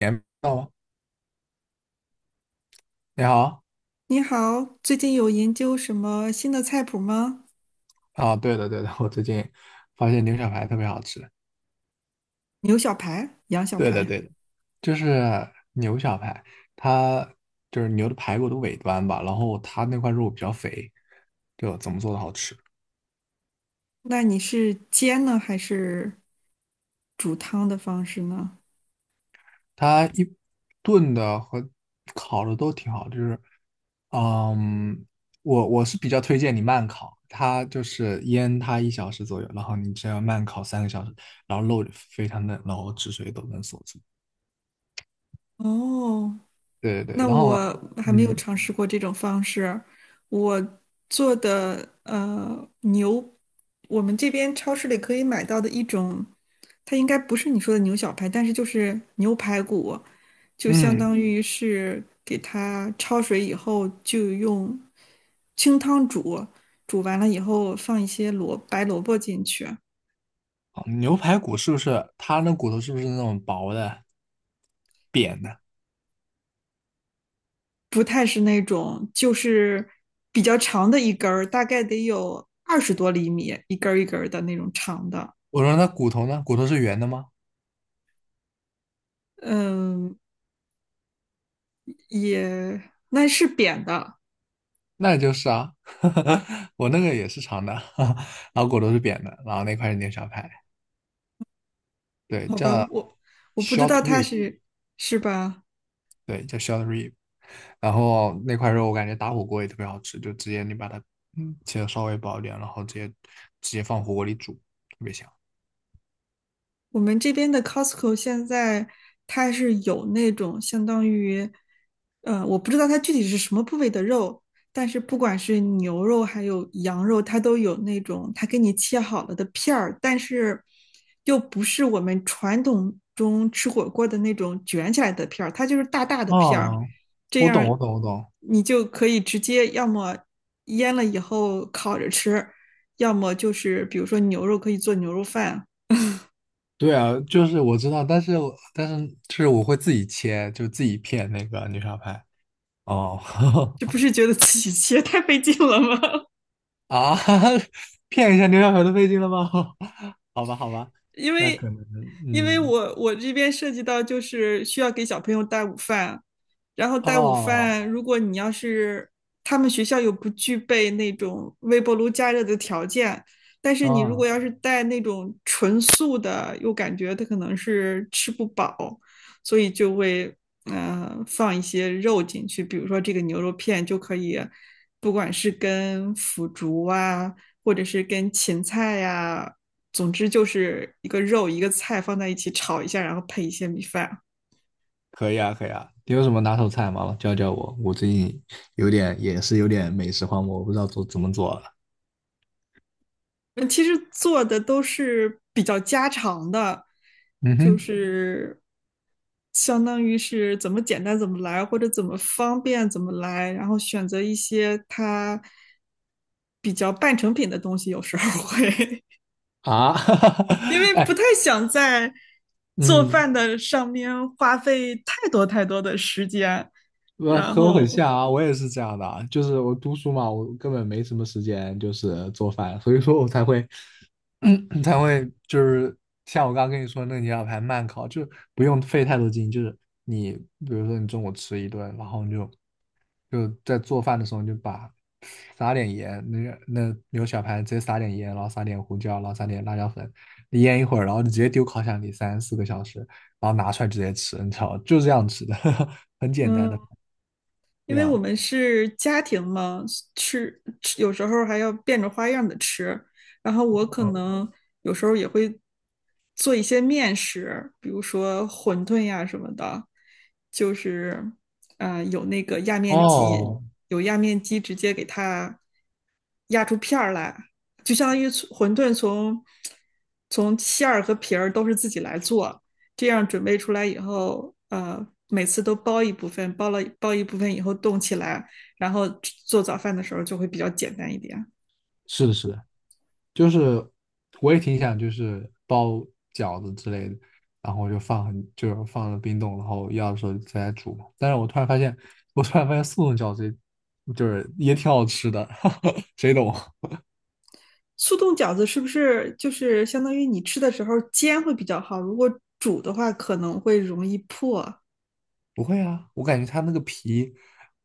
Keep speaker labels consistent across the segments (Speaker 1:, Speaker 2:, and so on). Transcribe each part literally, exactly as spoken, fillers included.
Speaker 1: 年到吗？你好。
Speaker 2: 你好，最近有研究什么新的菜谱吗？
Speaker 1: 啊，对的对的，我最近发现牛小排特别好吃。
Speaker 2: 牛小排、羊小
Speaker 1: 对的
Speaker 2: 排，
Speaker 1: 对的，就是牛小排，它就是牛的排骨的尾端吧，然后它那块肉比较肥，就怎么做的好吃？
Speaker 2: 那你是煎呢，还是煮汤的方式呢？
Speaker 1: 它一炖的和烤的都挺好，就是嗯，我我是比较推荐你慢烤，它就是腌它一小时左右，然后你这样慢烤三个小时，然后肉非常嫩，然后汁水都能锁住。
Speaker 2: 哦，
Speaker 1: 对对对，
Speaker 2: 那
Speaker 1: 然
Speaker 2: 我
Speaker 1: 后
Speaker 2: 还没有
Speaker 1: 嗯
Speaker 2: 尝试过这种方式。我做的呃牛，我们这边超市里可以买到的一种，它应该不是你说的牛小排，但是就是牛排骨，就相
Speaker 1: 嗯，
Speaker 2: 当于是给它焯水以后，就用清汤煮，煮完了以后放一些萝白萝卜进去。
Speaker 1: 好，牛排骨是不是它那骨头是不是那种薄的、扁的？
Speaker 2: 不太是那种就是比较长的一根儿，大概得有二十多厘米，一根儿一根儿的那种长的。
Speaker 1: 我说那骨头呢？骨头是圆的吗？
Speaker 2: 嗯，也那是扁的。
Speaker 1: 那就是啊，我那个也是长的，然后骨头是扁的，然后那块是牛小排，对，
Speaker 2: 好吧，
Speaker 1: 叫
Speaker 2: 我我不知道
Speaker 1: short
Speaker 2: 它
Speaker 1: rib,
Speaker 2: 是是吧？
Speaker 1: 对，叫 short rib。然后那块肉我感觉打火锅也特别好吃，就直接你把它嗯切的稍微薄一点，然后直接直接放火锅里煮，特别香。
Speaker 2: 我们这边的 Costco 现在它是有那种相当于，呃，我不知道它具体是什么部位的肉，但是不管是牛肉还有羊肉，它都有那种它给你切好了的片儿，但是又不是我们传统中吃火锅的那种卷起来的片儿，它就是大大的片儿，
Speaker 1: 啊，
Speaker 2: 这
Speaker 1: 我懂，我
Speaker 2: 样
Speaker 1: 懂，我懂。
Speaker 2: 你就可以直接要么腌了以后烤着吃，要么就是比如说牛肉可以做牛肉饭。
Speaker 1: 对啊，就是我知道，但是我但是就是我会自己切，就自己片那个牛小排。哦，
Speaker 2: 这不是觉得自己切太费劲了吗？
Speaker 1: 啊，骗一下牛小排都费劲了吗？好吧，好吧，
Speaker 2: 因
Speaker 1: 那
Speaker 2: 为
Speaker 1: 可能，
Speaker 2: 因为
Speaker 1: 嗯，
Speaker 2: 我我这边涉及到就是需要给小朋友带午饭，然后带午
Speaker 1: 哦，
Speaker 2: 饭，如果你要是他们学校又不具备那种微波炉加热的条件，但是你如果
Speaker 1: 哦，
Speaker 2: 要是带那种纯素的，又感觉他可能是吃不饱，所以就会呃放一些肉进去，比如说这个牛肉片就可以，不管是跟腐竹啊，或者是跟芹菜呀、啊总之就是一个肉一个菜放在一起炒一下，然后配一些米饭。
Speaker 1: 可以啊，可以啊。你有什么拿手菜吗？教教我，我最近有点，也是有点美食荒漠，我不知道做，怎么做了。
Speaker 2: 嗯，其实做的都是比较家常的，
Speaker 1: 嗯
Speaker 2: 就
Speaker 1: 哼，
Speaker 2: 是相当于是怎么简单怎么来，或者怎么方便怎么来，然后选择一些它比较半成品的东西，有时候会
Speaker 1: 啊，
Speaker 2: 因为不
Speaker 1: 哎，
Speaker 2: 太想在做
Speaker 1: 嗯，
Speaker 2: 饭的上面花费太多太多的时间。
Speaker 1: 我
Speaker 2: 然
Speaker 1: 和我很
Speaker 2: 后。
Speaker 1: 像啊，我也是这样的啊，就是我读书嘛，我根本没什么时间，就是做饭，所以说我才会 才会就是像我刚刚跟你说那个牛小排慢烤，就是不用费太多劲，就是你比如说你中午吃一顿，然后你就就在做饭的时候你就把撒点盐，那个那牛小排直接撒点盐，然后撒点胡椒，然后撒点辣椒粉，腌一会儿，然后你直接丢烤箱里三四个小时，然后拿出来直接吃，你知道吗，就这样吃的，很简单的，
Speaker 2: 嗯，因
Speaker 1: 对
Speaker 2: 为我
Speaker 1: 呀。
Speaker 2: 们是家庭嘛，吃吃有时候还要变着花样的吃。然后我可能有时候也会做一些面食，比如说馄饨呀什么的，就是呃有那个压面机。
Speaker 1: 哦，
Speaker 2: 哦，有压面机直接给它压出片儿来，就相当于馄饨从从馅儿和皮儿都是自己来做，这样准备出来以后，呃，每次都包一部分，包了包一部分以后冻起来，然后做早饭的时候就会比较简单一点。
Speaker 1: 是的，是的，就是我也挺想就是包饺子之类的，然后就放很，就是放了冰冻，然后要的时候再来煮嘛，但是我突然发现，我突然发现速冻饺子也就是也挺好吃的，谁懂啊？
Speaker 2: 速冻饺子是不是就是相当于你吃的时候煎会比较好？如果煮的话可能会容易破。
Speaker 1: 不会啊，我感觉它那个皮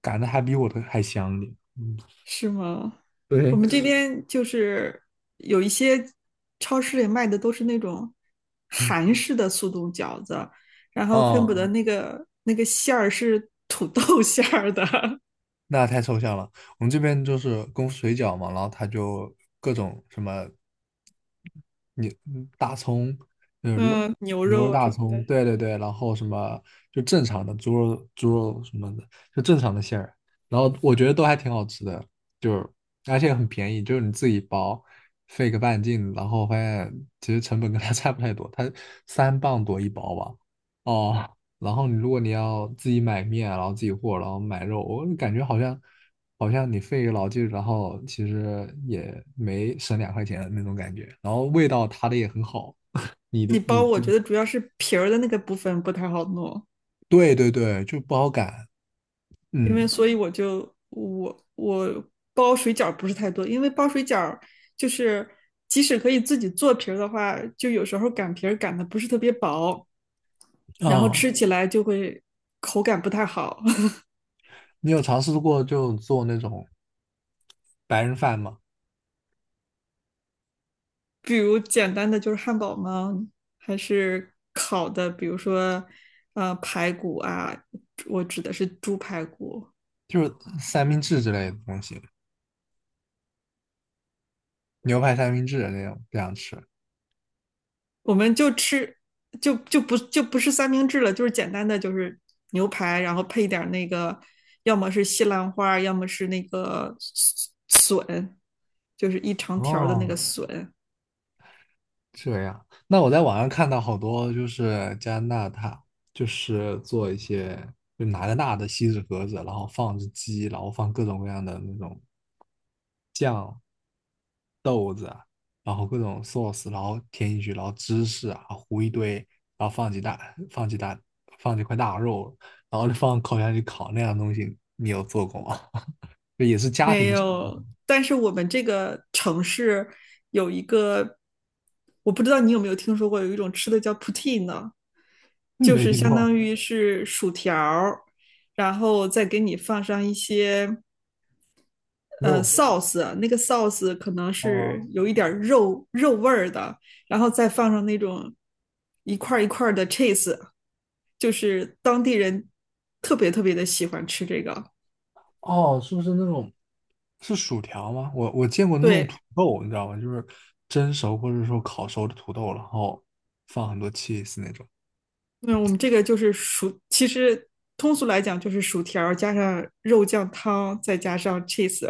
Speaker 1: 擀的还比我的还香一点。嗯，
Speaker 2: 是吗？我
Speaker 1: 对，
Speaker 2: 们这嗯边就是有一些超市里卖的都是那种
Speaker 1: 嗯，嗯，
Speaker 2: 韩式的速冻饺子，然后恨不得哦
Speaker 1: 哦。
Speaker 2: 那个那个馅儿是土豆 馅儿的。
Speaker 1: 那太抽象了。我们这边就是功夫水饺嘛，然后它就各种什么你嗯大葱，就是肉，
Speaker 2: 嗯，牛
Speaker 1: 牛
Speaker 2: 肉
Speaker 1: 肉
Speaker 2: 啊什
Speaker 1: 大
Speaker 2: 么
Speaker 1: 葱，
Speaker 2: 的。
Speaker 1: 对对对，然后什么就正常的猪肉猪肉什么的，就正常的馅儿，然后我觉得都还挺好吃的，就是而且很便宜，就是你自己包，费个半斤，然后发现其实成本跟它 差不太多，它三磅多一包吧，哦，然后你如果你要自己买面啊，然后自己和，然后买肉，我感觉好像好像你费一个老劲，然后其实也没省两块钱的那种感觉。然后味道它的也很好，你
Speaker 2: 你
Speaker 1: 的
Speaker 2: 包
Speaker 1: 你
Speaker 2: 我
Speaker 1: 自
Speaker 2: 觉
Speaker 1: 己
Speaker 2: 得主要是皮儿的那个部分不太好弄，
Speaker 1: 对对对，就不好擀。
Speaker 2: 因为
Speaker 1: 嗯
Speaker 2: 所以我就我我包水饺不是太多，因为包水饺就是即使可以自己做皮儿的话，就有时候擀皮儿擀的不是特别薄。然后
Speaker 1: 哦，
Speaker 2: 吃起来就会口感不太好。
Speaker 1: 你有尝试过就做那种白人饭吗？
Speaker 2: 比如简单的就是汉堡吗？还是烤的，比如说呃排骨啊，我指的是猪排骨。
Speaker 1: 就是三明治之类的东西，牛排三明治那种这样吃。
Speaker 2: 我们就吃就就不就不是三明治了，就是简单的就是牛排，然后配点那个，要么是西兰花，要么是那个笋，就是一长条的那个
Speaker 1: 哦，
Speaker 2: 笋。
Speaker 1: 这样，那我在网上看到好多就是加拿大，就是做一些，就拿个大的锡纸盒子，然后放只鸡，然后放各种各样的那种酱、豆子啊，然后各种 sauce,然后填进去，然后芝士啊糊一堆，然后放几大放几大放几块大肉，然后就放烤箱里烤那样的东西，你有做过吗？就也是家
Speaker 2: 没
Speaker 1: 庭，
Speaker 2: 有，但是我们这个城市有一个，我不知道你有没有听说过，有一种吃的叫 poutine， 就
Speaker 1: 没
Speaker 2: 是
Speaker 1: 听
Speaker 2: 相当
Speaker 1: 过，
Speaker 2: 于是薯条儿然后再给你放上一些呃
Speaker 1: 肉，
Speaker 2: sauce。那个 sauce 可能是
Speaker 1: 哦。
Speaker 2: 有一点儿肉肉味儿的，然后再放上那种一块儿一块儿的 cheese，就是当地人特别特别的喜欢吃这个。
Speaker 1: 哦，是不是那种是薯条吗？我我见过那种土
Speaker 2: 对。
Speaker 1: 豆，你知道吗？就是蒸熟或者说烤熟的土豆，然后放很多 cheese 那种。
Speaker 2: 嗯，我们这个就是薯，其实通俗来讲就是薯条儿加上肉酱汤，再加上 cheese。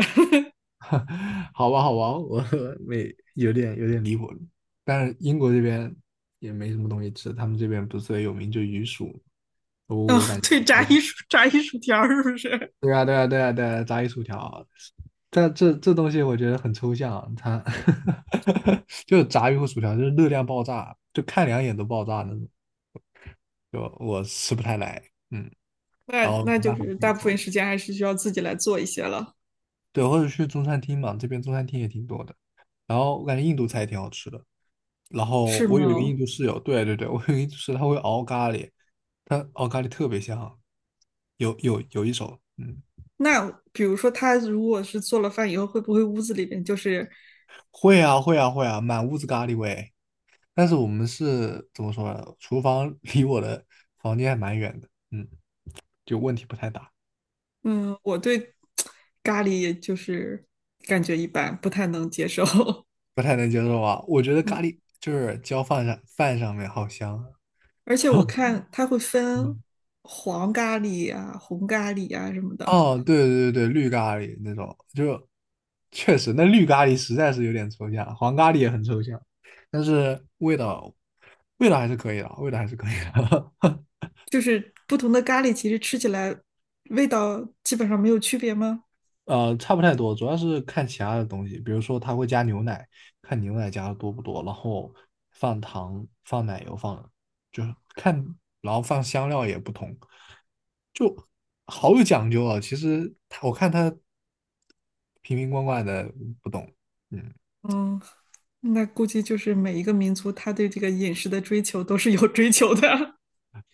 Speaker 1: 好吧，好吧，我 没有，点有点离谱了，但是英国这边也没什么东西吃，他们这边不是最有名就鱼薯。我
Speaker 2: 嗯
Speaker 1: 我感 觉
Speaker 2: 对，炸一薯炸一薯条儿是不是？
Speaker 1: 对啊，对啊，对啊，对啊，炸鱼薯条，这这这东西我觉得很抽象，它 就是炸鱼和薯条，就是热量爆炸，就看两眼都爆炸那种。就我吃不太来，嗯，
Speaker 2: 那
Speaker 1: 然后没
Speaker 2: 那就
Speaker 1: 办法
Speaker 2: 是
Speaker 1: 自己
Speaker 2: 大部分
Speaker 1: 做，
Speaker 2: 时间还是需要自己来做一些了。
Speaker 1: 对，或者去中餐厅嘛，这边中餐厅也挺多的，然后我感觉印度菜也挺好吃的，然后
Speaker 2: 是
Speaker 1: 我有一个
Speaker 2: 吗？
Speaker 1: 印度室友，对对对，我有一个印度室友，他会熬咖喱，他熬咖喱特别香，有有有一手，嗯，
Speaker 2: 那比如说他如果是做了饭以后，会不会屋子里面就是。
Speaker 1: 会啊会啊会啊，满屋子咖喱味，但是我们是怎么说呢？厨房 离我的房间还蛮远的，嗯，就问题不太大，
Speaker 2: 嗯，我对咖喱就是感觉一般，不太能接受。
Speaker 1: 不太能接受啊，我觉得咖喱就是浇饭上饭上面好香啊。
Speaker 2: 而且我看他会分
Speaker 1: 嗯，
Speaker 2: 黄咖喱啊、红咖喱啊什么的。
Speaker 1: 哦，对对对对，绿咖喱那种，就确实那绿咖喱实在是有点抽象，黄咖喱也很抽象，但是味道味道还是可以的，味道还是可以的，
Speaker 2: 就是不同的咖喱，其实吃起来味道基本上没有区别吗？
Speaker 1: 呃，差不太多，主要是看其他的东西，比如说它会加牛奶，看牛奶加的多不多，然后放糖、放奶油放，就是看，然后放香料也不同，好有讲究啊。其实它我看它瓶瓶罐罐的不懂，嗯。
Speaker 2: 嗯，那估计就是每一个民族他对这个饮食的追求都是有追求的。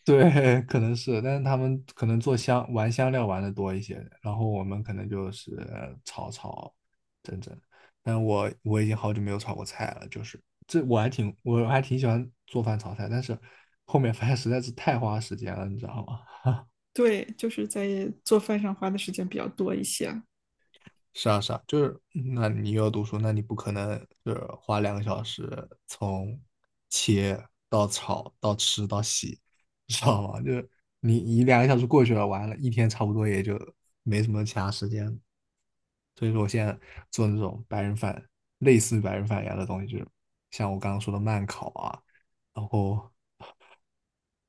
Speaker 1: 对，可能是，但是他们可能做香，玩香料玩的多一些，然后我们可能就是炒炒整整。但我我已经好久没有炒过菜了，就是这我还挺我还挺喜欢做饭炒菜，但是后面发现实在是太花时间了，你知道吗？
Speaker 2: 对，就是在做饭上花的时间比较多一些。
Speaker 1: 是啊，是啊，就是，嗯那你又要读书，那你不可能就是花两个小时从切到炒到吃到洗，你知道吗？就是你你两个小时过去了，完了，一天差不多也就没什么其他时间了。所以说，我现在做那种白人饭，类似于白人饭一样的东西，就是像我刚刚说的慢烤啊，然后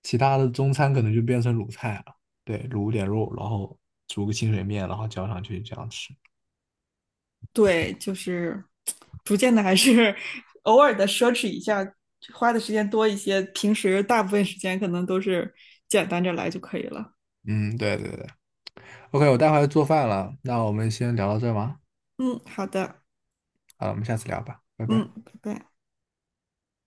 Speaker 1: 其他的中餐可能就变成卤菜了，对，卤点肉，然后煮个清水面，然后浇上去这样吃。
Speaker 2: 对，就是逐渐的还是偶尔的奢侈一下，花的时间多一些。平时大部分时间可能都是简单着来就可以了。
Speaker 1: 嗯，对对对。OK,我待会儿要做饭了，那我们先聊到这儿吗？
Speaker 2: 嗯，好的。
Speaker 1: 好了，我们下次聊吧，拜
Speaker 2: 嗯，
Speaker 1: 拜。
Speaker 2: 拜拜。